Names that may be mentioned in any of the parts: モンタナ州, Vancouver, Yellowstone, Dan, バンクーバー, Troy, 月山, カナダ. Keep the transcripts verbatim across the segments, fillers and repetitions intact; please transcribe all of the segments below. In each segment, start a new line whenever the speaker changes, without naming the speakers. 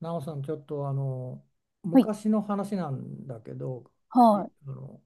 なおさん、ちょっとあの
はい、
昔の話なんだけど、い
はい、
あの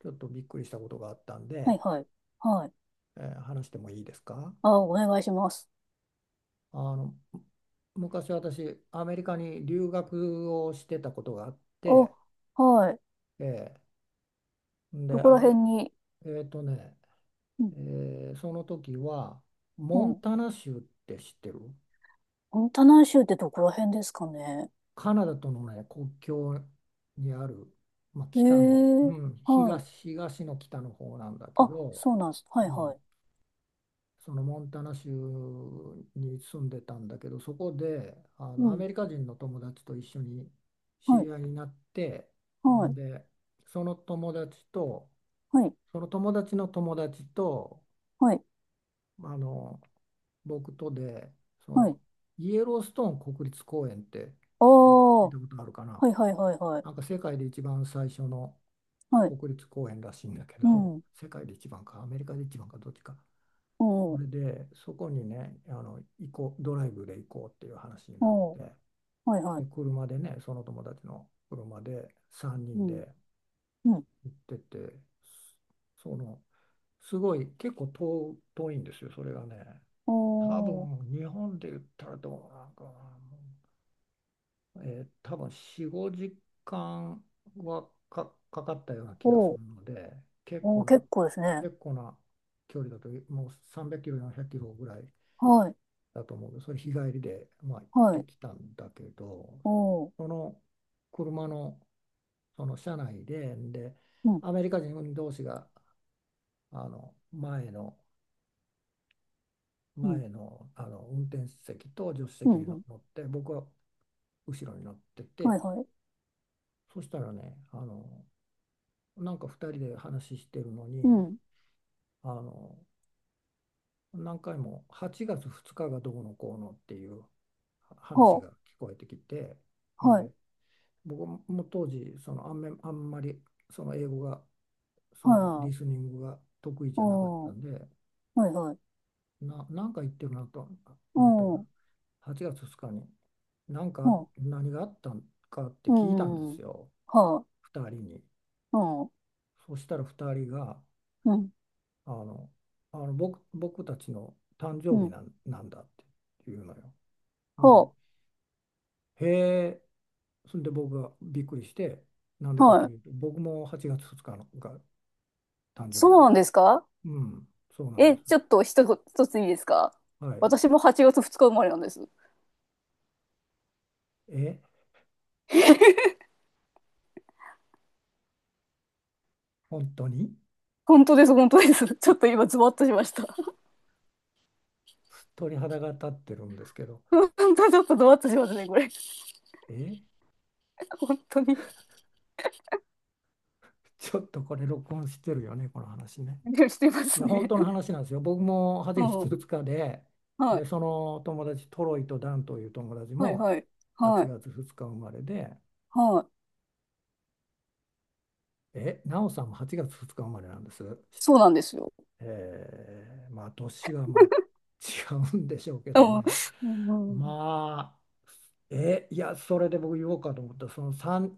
ちょっとびっくりしたことがあったん
はい、
で、
はい、はい。
えー話してもいいですか？
あ、お願いします。
あの昔私、アメリカに留学をしてたことがあっ
あ、
て、
はい。
えー
ど
で、
こ
ア
ら
メ、
辺に、
えーとね、
うん、
えーその時は、
う
モン
ん。
タナ州って知ってる？
モンタナ州ってどこら辺ですかね？
カナダとの、ね、国境にある、まあ、
え
北の、う
え、
ん、
はい。
東、東の北の方なんだけ
あ、
ど、
そうなんです。
う
はい、は
ん。
い。
そのモンタナ州に住んでたんだけど、そこであ
う
のア
ん、
メリカ人の友達と一緒に知
はい、
り合いになって、
は
ん
い、
でその友達と
はい、
その友達の友達と
はい、
あの僕とで、そ
はい。
のイエローストーン国立公園って
あ
聞いた、
あ、
聞い
は
たことあるかな？
い、はい、はい、はい。
なんか世界で一番最初の
はい、
国立公園らしいんだけ
う
ど、
ん、
世界で一番かアメリカで一番かどっちか。
お
そ
ー、
れで、そこにね、あの、行こう、ドライブで行こうっていう話になっ
お
て、
ー、はい、は
で、
い。
車でね、その友達の車で3
う
人
ん、
で
うん、
行ってて、その、すごい、結構遠、遠いんですよ、それがね。多
おー、
分、日本で言ったらどうなんかな、もうえー多分よん、ごじかんはか、かかったような気がす
お
る
ー、
ので、結
おー、
構な、
結構ですね。
結構な距離だと、もうさんびゃくキロ、よんひゃくキロぐらい
はい、
だと思うけど、それ日帰りで、まあ、行っ
は
て
い、
きたんだけど、
おー、
その車の、その車内で、で、
うん、
アメリカ人同士があの前の、
うん、
前の、あの運転席と助手
う
席
ん、
に
う
乗
ん。
って、僕は後ろに乗って
はい
て、
はい。
そしたらね、あのなんか二人で話してるの
う
に、
ん。
あの何回もはちがつふつかがどうのこうのっていう話
ほ
が聞
う。
こえてきて、
はい。
で、僕も当時そのあんめ、あんまりその英語が、その
は
リス
い。
ニングが得意じゃなかっ
お
た
ー。
んで、
はいはい。
な、なんか言ってるなと思ったけど、
おー。
はちがつふつかに何か
ほ
何があったんかって
う。う
聞いたんで
ん。う
す
ん。
よ、
はい。
ふたりに。
うん。
そしたらふたりが
うん。
あのあの僕、僕たちの誕
う
生日
ん。
なんなんだって言うのよ。
ほ
で、へえ、それで僕がびっくりして、なんで
う。
かと
はい。
いうと、僕もはちがつふつかのが誕生日
そ
な
う
ん
な
で
ん
す。
ですか？
うん、そうなんで
え、
す。
ちょっと一つ、一ついいですか？
はい。
私もはちがつふつか生まれなんです。
え、本当に
本当です、本当です。ちょっと今、ズワッとしました。
鳥肌が立ってるんですけど、
本当、ちょっとズワッとしますね、これ。
え、
本当に。
ちょっとこれ録音してるよね、この話ね。
でしてま
い
す
や、本
ね。
当の話なんですよ。僕も 8
う
月
ん。
ふつかで、
は
で、
い。
その友達、トロイとダンという友達
はい、
も
はい。は
8
い。
月ふつか生まれで、
はい。
え、ナオさんもはちがつふつか生まれなんです。
そうなんですよ。
えーまあ、年はまあ違うんでしょうけ
う
ど
ん。
ね。
うん。うん、
まあ、え、いや、それで僕言おうかと思った、その3、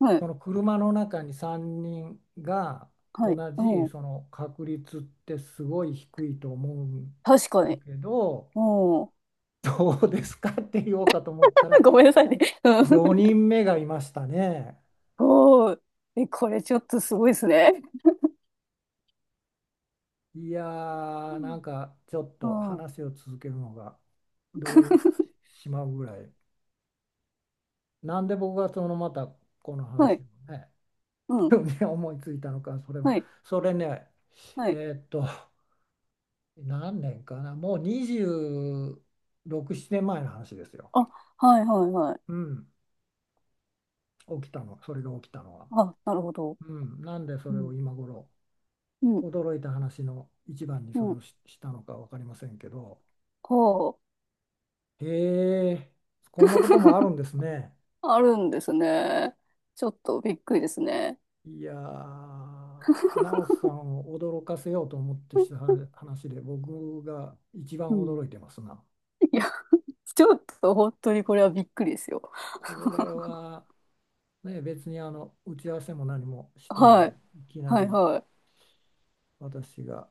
は
そ
い。
の車の中にさんにんが
は
同
い。
じ
うん。
その確率ってすごい低いと思うん
確か
だ
に。
けど、
うん。
どうですかって言おうかと思った ら
ごめんなさいね。うん。
よにんめがいましたね。
おー。え、これちょっとすごいですね。
いやー、なんかちょっ
う
と
ん。うん。
話を続けるのが動揺して しまうぐらい。なんで僕がそのまたこの
は
話
い。
をね、
うん。
思いついたのか、それも
はい。
それね、
はい。
えーっと何年かな、もうにじゅうろく、ななねんまえの話ですよ。
あ、はい、はい、はい。
うん、起きたの、それが起きたのは。
あ、なるほど。
うん、なんでそ
う
れを
ん。
今頃、
うん。
驚いた話の一番にそ
う
れを
ん。
し、したのか分かりませんけど、
ほう。
へえ、こんなこともあるん ですね。
あるんですね。ちょっとびっくりですね。
いやー、ナオさんを驚かせようと思ってした話で、僕が一番
うん。
驚いてますな。
いや、ちょっと本当にこれはびっくりですよ。
これは、ね、別にあの打ち合わせも何もしてない、
はい。
いきな
はい
り。
は
私が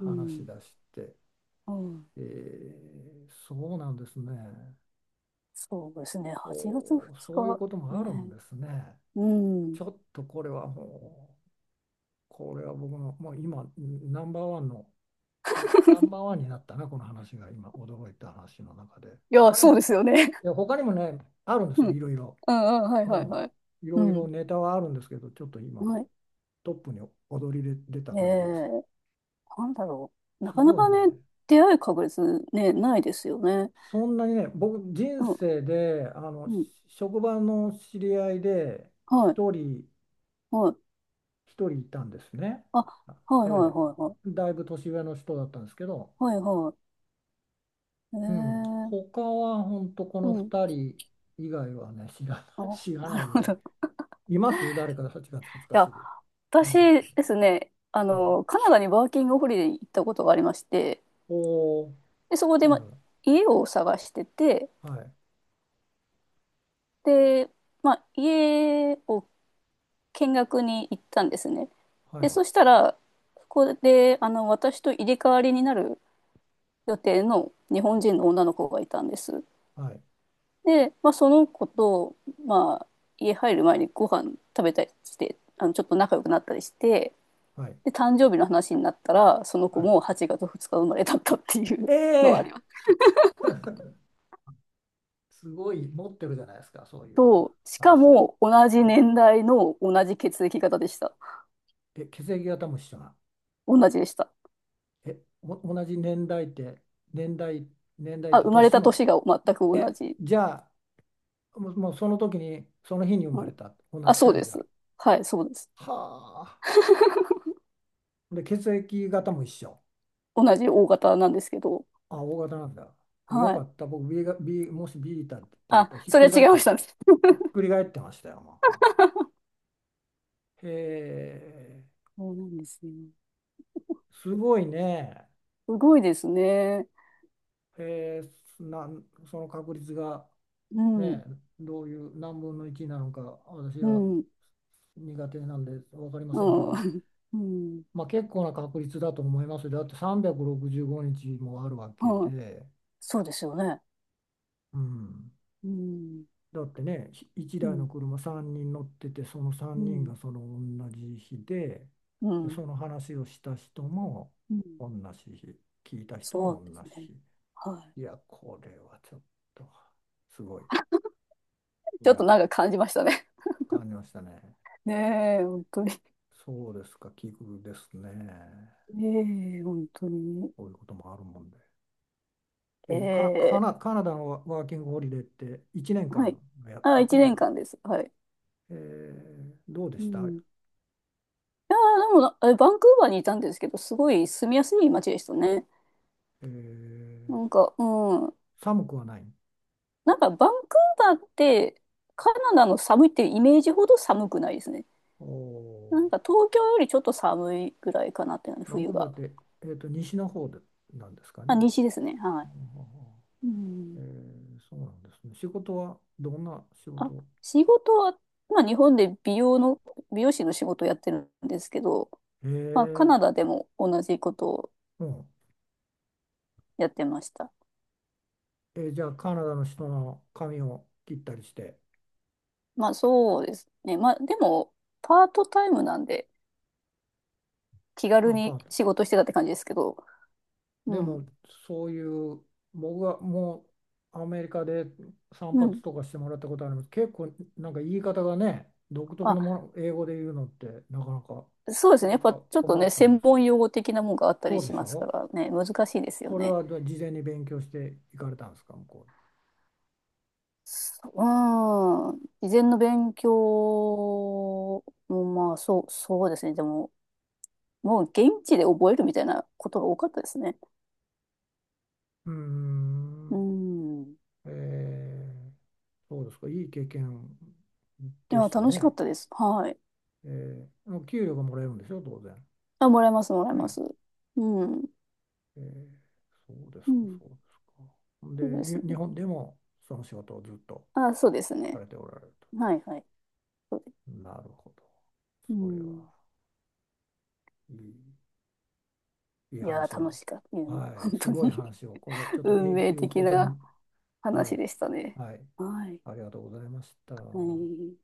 い。う
し
ん。
出して、
うん。
えーそうなんですね。
そうですね。はちがつ
おー、
2
そういう
日
ことも
ね。
あるんですね。
うん。い
ちょっとこれはもう、これは僕の、もう今、ナンバーワンの、ナンバーワンになったな、この話が今、驚いた話の中で。
や、
他に
そうで
も、
すよね。
いや、他にもね、あるんで
う
すよ、い
ん。
ろいろ。
うん、うん、はい
う
はい
ん。
はい。
い
う
ろいろ
ん。
ネタはあるんですけど、ちょっと今、
はい。
トップに躍り出た
え
感じです。
えなんだろう。な
す
かな
ごい
かね、
ね。
出会い確率ね、ないですよね。
そんなにね、僕、人
うん、
生で、あの、
うん。
職場の知り合いで、
はい、
一人、
はい。
一人いたんですね。
あ、はい
え
はいはいはい。
え、だいぶ年上の人だったんですけど、
はいは
うん、
い。ええ、
他は本当こ
う
の
ん。
二人以外はね、知ら
あ、
ない、知ら
な
ない
る
ぐ
ほ
ら
ど。
い。
い
います誰かはちがつふつか過
や、
ぎ、友達
私ですね、あ
で。ええ、
の、カナダにワーキングホリデーに行ったことがありまして、
おー、
で、そこで、
彼
ま、
女。
家を探してて、
はい、
で、まあ、家を見学に行ったんですね。
は
で、
い、
そしたら、そこで、あの、私と入れ替わりになる予定の日本人の女の子がいたんです。
はい、
で、まあ、その子と、まあ、家入る前にご飯食べたりして、あの、ちょっと仲良くなったりして、
はい、
で、誕生日の話になったら、その
は
子
い。
もはちがつふつか生まれだったっていうのはあり
ええ、
ます。
すごい持ってるじゃないですか、そういう
と、しか
話。
も同じ年代の同じ血液型でした。
え、血液型も一緒な。
同じでした。
え、お同じ年代って、年代、年代っ
あ、
て
生まれ
年
た
も。
年が全く同
え、
じ。
じゃあ、もう、もうその時に、その日に生
う
ま
ん、
れた、こんな
あ、そ
2
うで
人が。
す。はい、そうです。
はあ。で、血液型も一緒。
同じ大型なんですけど。
あ、O 型なんだ。あ、よ
は
か
い。
った。僕 B が、B、もし B だって言う
あ、
と、ひっ
そ
く
れ
り
は
返
違
っ
い
て
まし
ます。
たね。
ひっくり返ってましたよ。も う、へえ、
そうなんですね。
すごいね。
すごいですね。
へえ、なん、その確率が。
うん、
ね、どういう何分のいちなのか、私
う
は
ん、うん、
苦手なんで分かりませんけど、
うん、
まあ、結構な確率だと思いますよ。だってさんびゃくろくじゅうごにちもあるわけ
はい。
で、
そうですよね。
うん、
うん、
だってね、1
う
台の
ん、
車さんにん乗ってて、その
う
さんにん
ん、
がその同じ日で、
う
で、
ん、
その話をした人も
うん。
同じ日、聞いた人
そ
も
うで
同
す
じ
ね。
日。
は
いや、これはちょっとすごい。
い。
い
ちょっと
や、
なんか感じましたね。
感じましたね。
ねえ、本当に。
そうですか、奇遇ですね。
ねえ、本当に。
こういうこともあるもんで。え
え
ーカ、カ
え、
ナ、カナダのワワーキングホリデーって1年
は
間
い。
のや、
あ、一年間です。はい。
えーどうで
う
した？
ん。いやーでもな、えバンクーバーにいたんですけど、すごい住みやすい街でしたね。
え
な
ー
んか、うん。
寒くはない。
なんか、バンクーバーって、カナダの寒いっていうイメージほど寒くないですね。
おお、
なんか、東京よりちょっと寒いぐらいかなっていうのね、
バンク
冬
ーバー
が。
って、えーと、西の方でなんですか
あ、
ね。
西ですね。は
お
い。う
ー、え
ん。
ーそうなんですね。仕事はどんな仕
あ、
事？
仕事は、まあ、日本で美容の、美容師の仕事をやってるんですけど、
え
まあ、カ
ー、
ナダでも同じことを
うん。
やってました。
えーじゃあ、カナダの人の髪を切ったりして、
まあ、そうですね。まあ、でも、パートタイムなんで、気
あ、
軽
パ
に
ート、
仕事してたって感じですけど。
で
うん。
も、そういう、僕はもうアメリカで散
う
髪
ん。
とかしてもらったことあります。結構、なんか言い方がね、独特のも
あ、
の、英語で言うのってなかなか
そうですね。やっ
僕
ぱち
は
ょっと
困
ね、
ったんで
専
すけど。
門用語的なもんがあった
そ
り
う
し
でし
ますか
ょ？
らね、難しいですよ
それ
ね。
はじゃあ事前に勉強していかれたんですか、向こ
うーん。事前の勉強も、まあ、そう、そうですね。でも、もう現地で覚えるみたいなことが多かったですね。
うに？うー
う
ん、
ん。い
えー、そうですか、いい経験
や、
でした
楽しかっ
ね。
たです。はい。
えー、給料がもらえるんでしょ、当然。
あ、もらえます、もらえま
ね。
す。うん。
えーそうで
う
すか、
ん。
そうですか。で、
そうで
に、
す
日
ね。
本でもその仕事をずっと
あ、そうです
さ
ね。
れておられると。
はい、はい。そうです。
なるほど。
う
それ
ん。
はいい、いい
いや
話
ー、楽
を。
しかった。うん、
はい、
本
す
当
ごい
に。
話を。これち ょっと
運
永
命
久
的
保
な
存。は
話
い、
でしたね。
はい、
はい。
ありがとうございました。
はい。